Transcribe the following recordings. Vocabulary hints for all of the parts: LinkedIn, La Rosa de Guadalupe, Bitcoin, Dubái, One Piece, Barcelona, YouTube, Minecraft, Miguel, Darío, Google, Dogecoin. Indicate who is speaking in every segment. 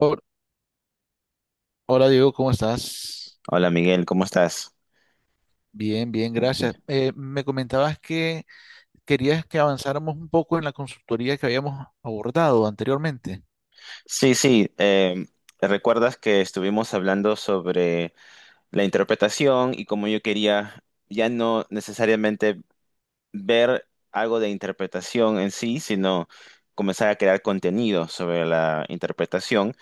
Speaker 1: Hor- Hola Diego, ¿cómo estás?
Speaker 2: Hola Miguel, ¿cómo estás?
Speaker 1: Bien, bien, gracias. Me comentabas que querías que avanzáramos un poco en la consultoría que habíamos abordado anteriormente.
Speaker 2: Sí, sí, recuerdas que estuvimos hablando sobre la interpretación y cómo yo quería ya no necesariamente ver algo de interpretación en sí, sino comenzar a crear contenido sobre la interpretación.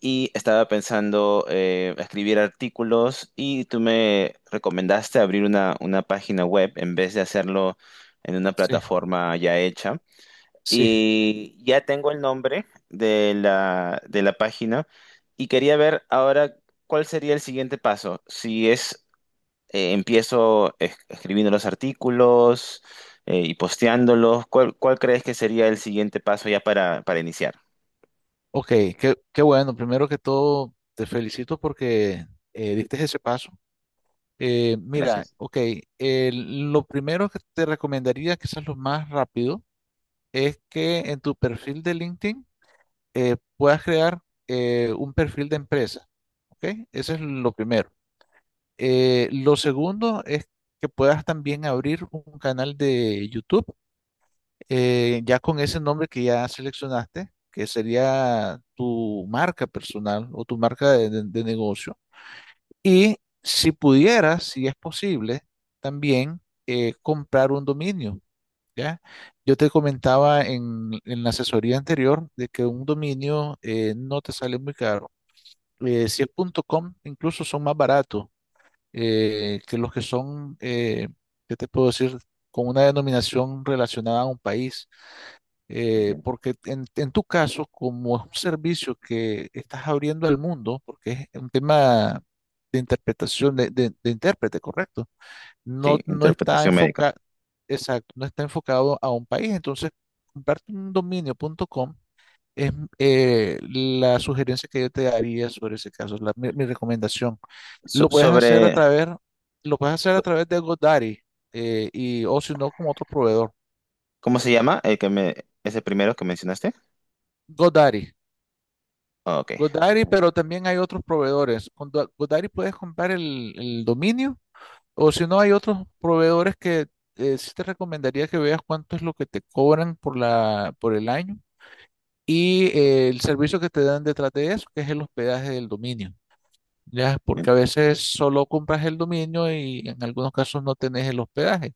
Speaker 2: Y estaba pensando escribir artículos y tú me recomendaste abrir una página web en vez de hacerlo en una
Speaker 1: Sí,
Speaker 2: plataforma ya hecha.
Speaker 1: sí.
Speaker 2: Y ya tengo el nombre de la página y quería ver ahora cuál sería el siguiente paso. Si es, escribiendo los artículos y posteándolos, ¿cuál crees que sería el siguiente paso ya para iniciar?
Speaker 1: Ok, qué bueno. Primero que todo, te felicito porque diste ese paso. Mira,
Speaker 2: Gracias.
Speaker 1: ok, lo primero que te recomendaría, quizás lo más rápido, es que en tu perfil de LinkedIn puedas crear un perfil de empresa. ¿Ok? Eso es lo primero. Lo segundo es que puedas también abrir un canal de YouTube, ya con ese nombre que ya seleccionaste, que sería tu marca personal o tu marca de negocio. Y si pudieras, si es posible, también comprar un dominio, ¿ya? Yo te comentaba en la asesoría anterior de que un dominio no te sale muy caro. Si es punto .com, incluso son más baratos que los que son, ¿qué te puedo decir? Con una denominación relacionada a un país,
Speaker 2: Entiendo.
Speaker 1: porque en tu caso, como es un servicio que estás abriendo al mundo, porque es un tema de interpretación de intérprete, correcto,
Speaker 2: Sí,
Speaker 1: no está
Speaker 2: interpretación médica.
Speaker 1: enfocado, exacto, no está enfocado a un país, entonces, comparte un dominio.com es la sugerencia que yo te daría sobre ese caso, mi recomendación. Lo puedes hacer a
Speaker 2: Sobre,
Speaker 1: través, lo puedes hacer a través de GoDaddy y, o si no, con otro proveedor.
Speaker 2: ¿cómo se llama ese primero que mencionaste?
Speaker 1: GoDaddy.
Speaker 2: Ah, ok.
Speaker 1: GoDaddy, pero también hay otros proveedores. Con GoDaddy puedes comprar el dominio o si no, hay otros proveedores que sí te recomendaría que veas cuánto es lo que te cobran por por el año y el servicio que te dan detrás de eso, que es el hospedaje del dominio. Ya,
Speaker 2: Eh,
Speaker 1: porque a veces solo compras el dominio y en algunos casos no tenés el hospedaje,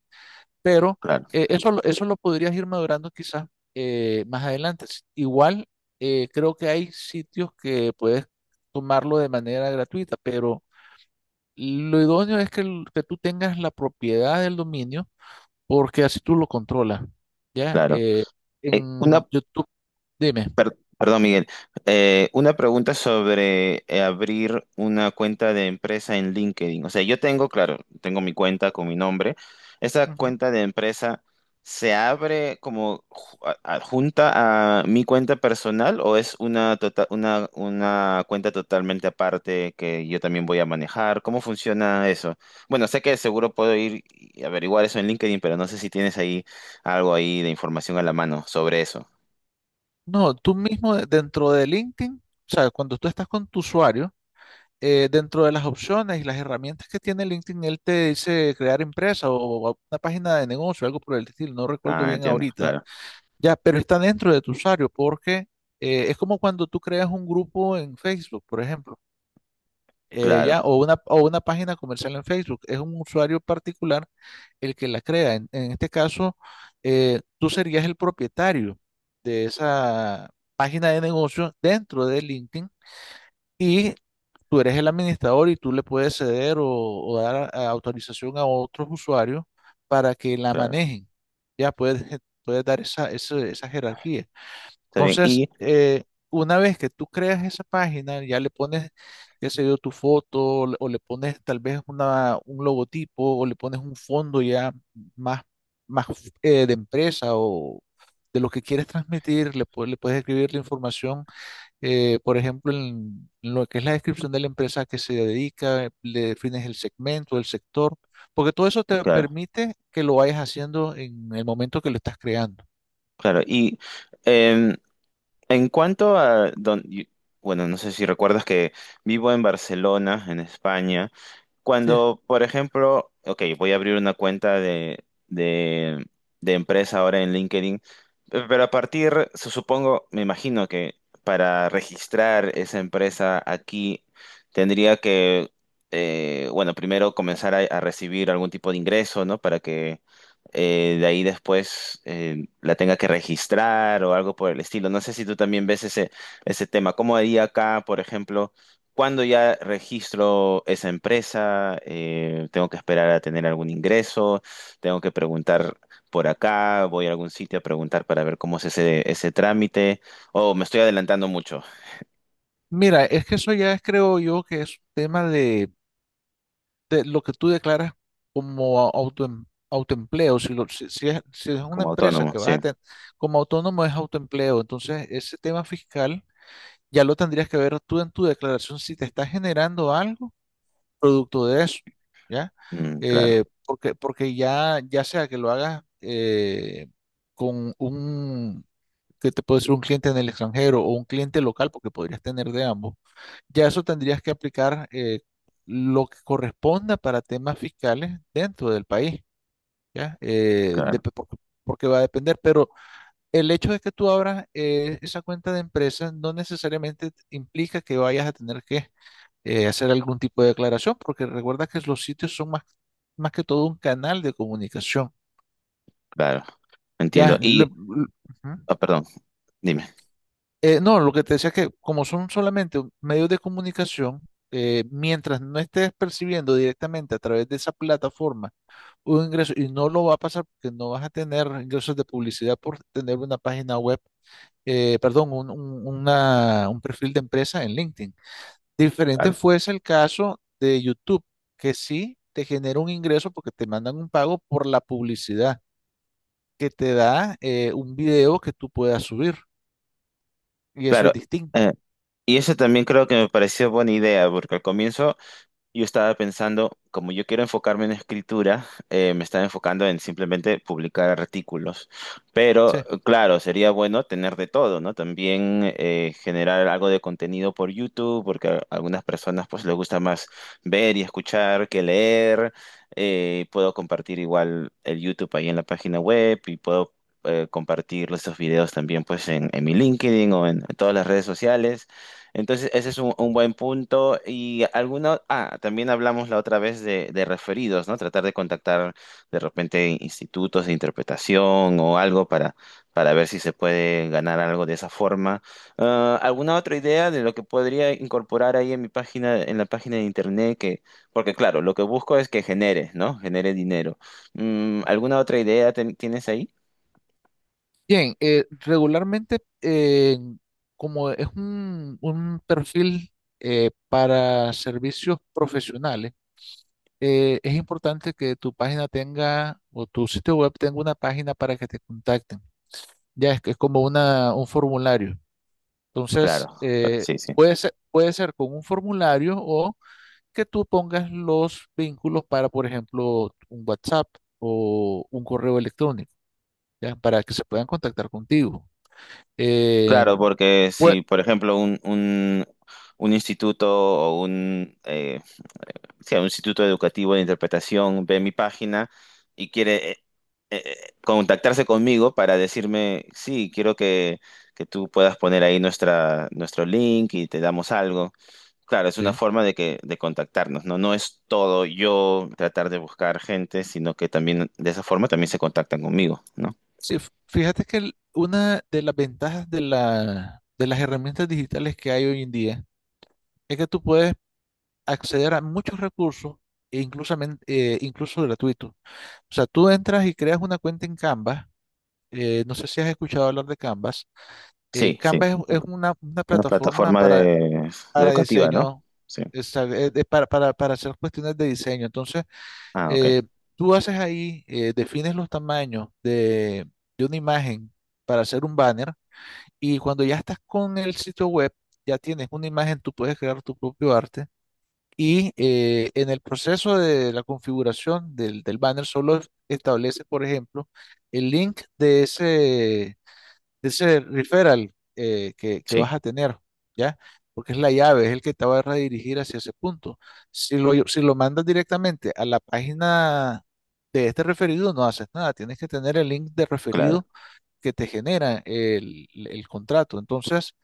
Speaker 1: pero
Speaker 2: claro,
Speaker 1: eso lo podrías ir madurando quizás más adelante. Igual creo que hay sitios que puedes tomarlo de manera gratuita, pero lo idóneo es que, que tú tengas la propiedad del dominio porque así tú lo controlas, ya,
Speaker 2: claro.
Speaker 1: en
Speaker 2: Una
Speaker 1: YouTube, dime.
Speaker 2: Perdón, Miguel. Una pregunta sobre abrir una cuenta de empresa en LinkedIn. O sea, yo tengo, claro, tengo mi cuenta con mi nombre. ¿Esa
Speaker 1: Ujú.
Speaker 2: cuenta de empresa se abre como adjunta a mi cuenta personal o es una cuenta totalmente aparte que yo también voy a manejar? ¿Cómo funciona eso? Bueno, sé que seguro puedo ir y averiguar eso en LinkedIn, pero no sé si tienes ahí algo ahí de información a la mano sobre eso.
Speaker 1: No, tú mismo dentro de LinkedIn, o sea, cuando tú estás con tu usuario, dentro de las opciones y las herramientas que tiene LinkedIn, él te dice crear empresa o una página de negocio, algo por el estilo, no recuerdo
Speaker 2: Ah,
Speaker 1: bien
Speaker 2: entiendo,
Speaker 1: ahorita,
Speaker 2: claro.
Speaker 1: ya, pero está dentro de tu usuario porque es como cuando tú creas un grupo en Facebook, por ejemplo,
Speaker 2: Claro,
Speaker 1: ya, o una página comercial en Facebook, es un usuario particular el que la crea. En este caso, tú serías el propietario de esa página de negocio dentro de LinkedIn y tú eres el administrador y tú le puedes ceder o dar autorización a otros usuarios para que la
Speaker 2: claro,
Speaker 1: manejen. Ya puedes, puedes dar esa jerarquía.
Speaker 2: está bien.
Speaker 1: Entonces,
Speaker 2: Y,
Speaker 1: una vez que tú creas esa página, ya le pones, qué sé yo, tu foto o le pones tal vez un logotipo o le pones un fondo ya más, más de empresa o de lo que quieres transmitir, le puedes escribir la información por ejemplo, en lo que es la descripción de la empresa que se dedica, le defines el segmento, el sector, porque todo eso te
Speaker 2: claro,
Speaker 1: permite que lo vayas haciendo en el momento que lo estás creando.
Speaker 2: claro. Y em, en cuanto a, bueno, no sé si recuerdas que vivo en Barcelona, en España.
Speaker 1: Sí.
Speaker 2: Cuando, por ejemplo, ok, voy a abrir una cuenta de empresa ahora en LinkedIn, pero a partir, supongo, me imagino que para registrar esa empresa aquí, tendría que, bueno, primero comenzar a recibir algún tipo de ingreso, ¿no? Para que de ahí después la tenga que registrar o algo por el estilo. No sé si tú también ves ese tema. ¿Cómo haría acá, por ejemplo? ¿Cuándo ya registro esa empresa? ¿Tengo que esperar a tener algún ingreso? ¿Tengo que preguntar por acá? ¿Voy a algún sitio a preguntar para ver cómo es ese trámite? ¿O me estoy adelantando mucho
Speaker 1: Mira, es que eso ya es, creo yo, que es un tema de lo que tú declaras como autoempleo. Si es una
Speaker 2: como
Speaker 1: empresa
Speaker 2: autónomo?
Speaker 1: que vas
Speaker 2: Sí.
Speaker 1: a tener como autónomo, es autoempleo. Entonces, ese tema fiscal ya lo tendrías que ver tú en tu declaración si te está generando algo producto de eso, ¿ya?
Speaker 2: Mm, claro,
Speaker 1: Porque ya, ya sea que lo hagas con un, que te puede ser un cliente en el extranjero o un cliente local, porque podrías tener de ambos, ya eso tendrías que aplicar lo que corresponda para temas fiscales dentro del país, ¿ya?
Speaker 2: claro,
Speaker 1: Porque, porque va a depender, pero el hecho de que tú abras esa cuenta de empresa no necesariamente implica que vayas a tener que hacer algún tipo de declaración, porque recuerda que los sitios son más, más que todo un canal de comunicación.
Speaker 2: claro. Entiendo.
Speaker 1: Ya, lo-
Speaker 2: Y,
Speaker 1: lo- ujú.
Speaker 2: ah, perdón, dime.
Speaker 1: No, lo que te decía es que como son solamente medios de comunicación, mientras no estés percibiendo directamente a través de esa plataforma un ingreso, y no lo va a pasar porque no vas a tener ingresos de publicidad por tener una página web, perdón, un perfil de empresa en LinkedIn. Diferente
Speaker 2: Claro,
Speaker 1: fuese el caso de YouTube, que sí te genera un ingreso porque te mandan un pago por la publicidad que te da un video que tú puedas subir. Y eso es
Speaker 2: claro.
Speaker 1: distinto.
Speaker 2: Eh, y eso también creo que me pareció buena idea, porque al comienzo yo estaba pensando, como yo quiero enfocarme en escritura, me estaba enfocando en simplemente publicar artículos. Pero
Speaker 1: Sí.
Speaker 2: claro, sería bueno tener de todo, ¿no? También generar algo de contenido por YouTube, porque a algunas personas pues les gusta más ver y escuchar que leer. Puedo compartir igual el YouTube ahí en la página web y puedo compartir estos videos también pues en mi LinkedIn o en todas las redes sociales. Entonces, ese es un buen punto. Y alguna, ah, también hablamos la otra vez de referidos, ¿no? Tratar de contactar de repente institutos de interpretación o algo para ver si se puede ganar algo de esa forma. Ah, ¿alguna otra idea de lo que podría incorporar ahí en mi página, en la página de internet? Que, porque claro, lo que busco es que genere, ¿no? Genere dinero. Mm, ¿alguna otra idea tienes ahí?
Speaker 1: Bien, regularmente, como es un perfil para servicios profesionales, es importante que tu página tenga o tu sitio web tenga una página para que te contacten. Ya es que es como un formulario. Entonces,
Speaker 2: Claro, claro, sí, sí.
Speaker 1: puede ser con un formulario o que tú pongas los vínculos para, por ejemplo, un WhatsApp o un correo electrónico, ¿ya? Para que se puedan contactar contigo. Eh,
Speaker 2: Claro, porque
Speaker 1: pues,
Speaker 2: si, por ejemplo, un instituto o un, eh, sí, un instituto educativo de interpretación ve mi página y quiere contactarse conmigo para decirme, sí, quiero que tú puedas poner ahí nuestro link y te damos algo. Claro, es una
Speaker 1: sí,
Speaker 2: forma de que, de contactarnos, ¿no? No es todo yo tratar de buscar gente, sino que también de esa forma también se contactan conmigo, ¿no?
Speaker 1: sí, fíjate que una de las ventajas de la, de las herramientas digitales que hay hoy en día es que tú puedes acceder a muchos recursos, e incluso, incluso gratuitos. O sea, tú entras y creas una cuenta en Canva no sé si has escuchado hablar de Canvas.
Speaker 2: Sí, sí.
Speaker 1: Canvas es una
Speaker 2: Una
Speaker 1: plataforma
Speaker 2: plataforma de
Speaker 1: para
Speaker 2: educativa, ¿no?
Speaker 1: diseño,
Speaker 2: Sí.
Speaker 1: para hacer cuestiones de diseño. Entonces,
Speaker 2: Ah, ok.
Speaker 1: eh, tú haces ahí, defines los tamaños de una imagen para hacer un banner y cuando ya estás con el sitio web, ya tienes una imagen, tú puedes crear tu propio arte. Y en el proceso de la configuración del banner solo estableces, por ejemplo, el link de ese, ese referral que vas
Speaker 2: Sí,
Speaker 1: a tener, ¿ya? Porque es la llave, es el que te va a redirigir hacia ese punto. Si lo mandas directamente a la página de este referido, no haces nada, tienes que tener el link de
Speaker 2: claro,
Speaker 1: referido que te genera el contrato. Entonces,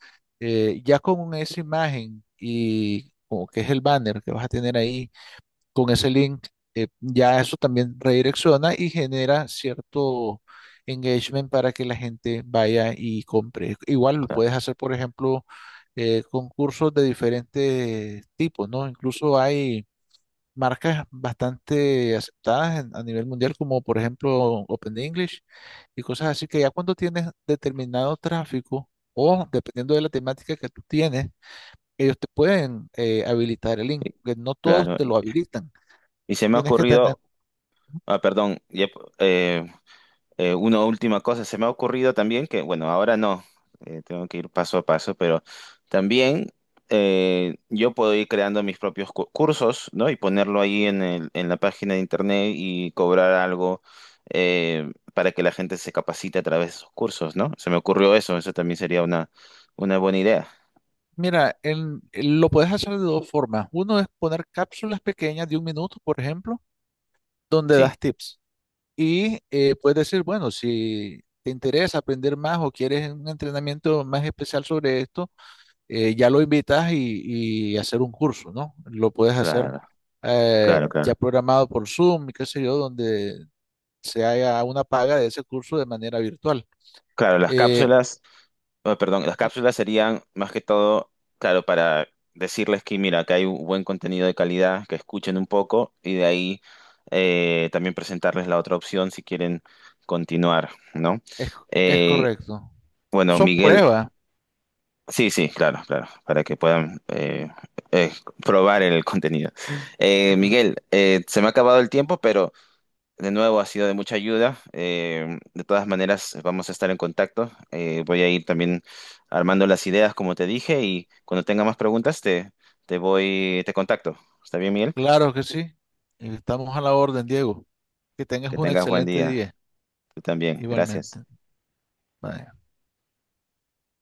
Speaker 1: ya con esa imagen y como que es el banner que vas a tener ahí con ese link, ya eso también redirecciona y genera cierto engagement para que la gente vaya y compre. Igual lo
Speaker 2: claro.
Speaker 1: puedes hacer, por ejemplo, concursos de diferentes tipos, ¿no? Incluso hay marcas bastante aceptadas a nivel mundial, como por ejemplo Open English y cosas así, que ya cuando tienes determinado tráfico o dependiendo de la temática que tú tienes, ellos te pueden habilitar el link,
Speaker 2: Y.
Speaker 1: que no todos
Speaker 2: Claro.
Speaker 1: te lo
Speaker 2: Y
Speaker 1: habilitan.
Speaker 2: y se me ha
Speaker 1: Tienes que tener.
Speaker 2: ocurrido, ah, perdón, ya, eh, una última cosa, se me ha ocurrido también que, bueno, ahora no, tengo que ir paso a paso, pero también yo puedo ir creando mis propios cursos, ¿no? Y ponerlo ahí en en la página de internet y cobrar algo para que la gente se capacite a través de esos cursos, ¿no? Se me ocurrió eso, eso también sería una buena idea.
Speaker 1: Mira, lo puedes hacer de dos formas. Uno es poner cápsulas pequeñas de un minuto, por ejemplo, donde
Speaker 2: Sí,
Speaker 1: das tips. Y puedes decir, bueno, si te interesa aprender más o quieres un entrenamiento más especial sobre esto, ya lo invitas y hacer un curso, ¿no? Lo puedes hacer
Speaker 2: claro, claro,
Speaker 1: ya
Speaker 2: claro.
Speaker 1: programado por Zoom y qué sé yo, donde se haga una paga de ese curso de manera virtual.
Speaker 2: Claro, las
Speaker 1: Eh,
Speaker 2: cápsulas. Oh, perdón, las cápsulas serían más que todo, claro, para decirles que mira, que hay un buen contenido de calidad, que escuchen un poco y de ahí también presentarles la otra opción si quieren continuar, ¿no?
Speaker 1: es, es
Speaker 2: Eh,
Speaker 1: correcto.
Speaker 2: bueno,
Speaker 1: Son
Speaker 2: Miguel,
Speaker 1: pruebas.
Speaker 2: sí, sí, claro, claro, para que puedan eh, probar el contenido. Miguel, se me ha acabado el tiempo, pero de nuevo, ha sido de mucha ayuda. De todas maneras, vamos a estar en contacto. Voy a ir también armando las ideas, como te dije, y cuando tenga más preguntas, te contacto. ¿Está bien, Miguel?
Speaker 1: Claro que sí. Estamos a la orden, Diego. Que tengas
Speaker 2: Que
Speaker 1: un
Speaker 2: tengas buen
Speaker 1: excelente
Speaker 2: día.
Speaker 1: día,
Speaker 2: Tú también. Gracias.
Speaker 1: igualmente. Bye.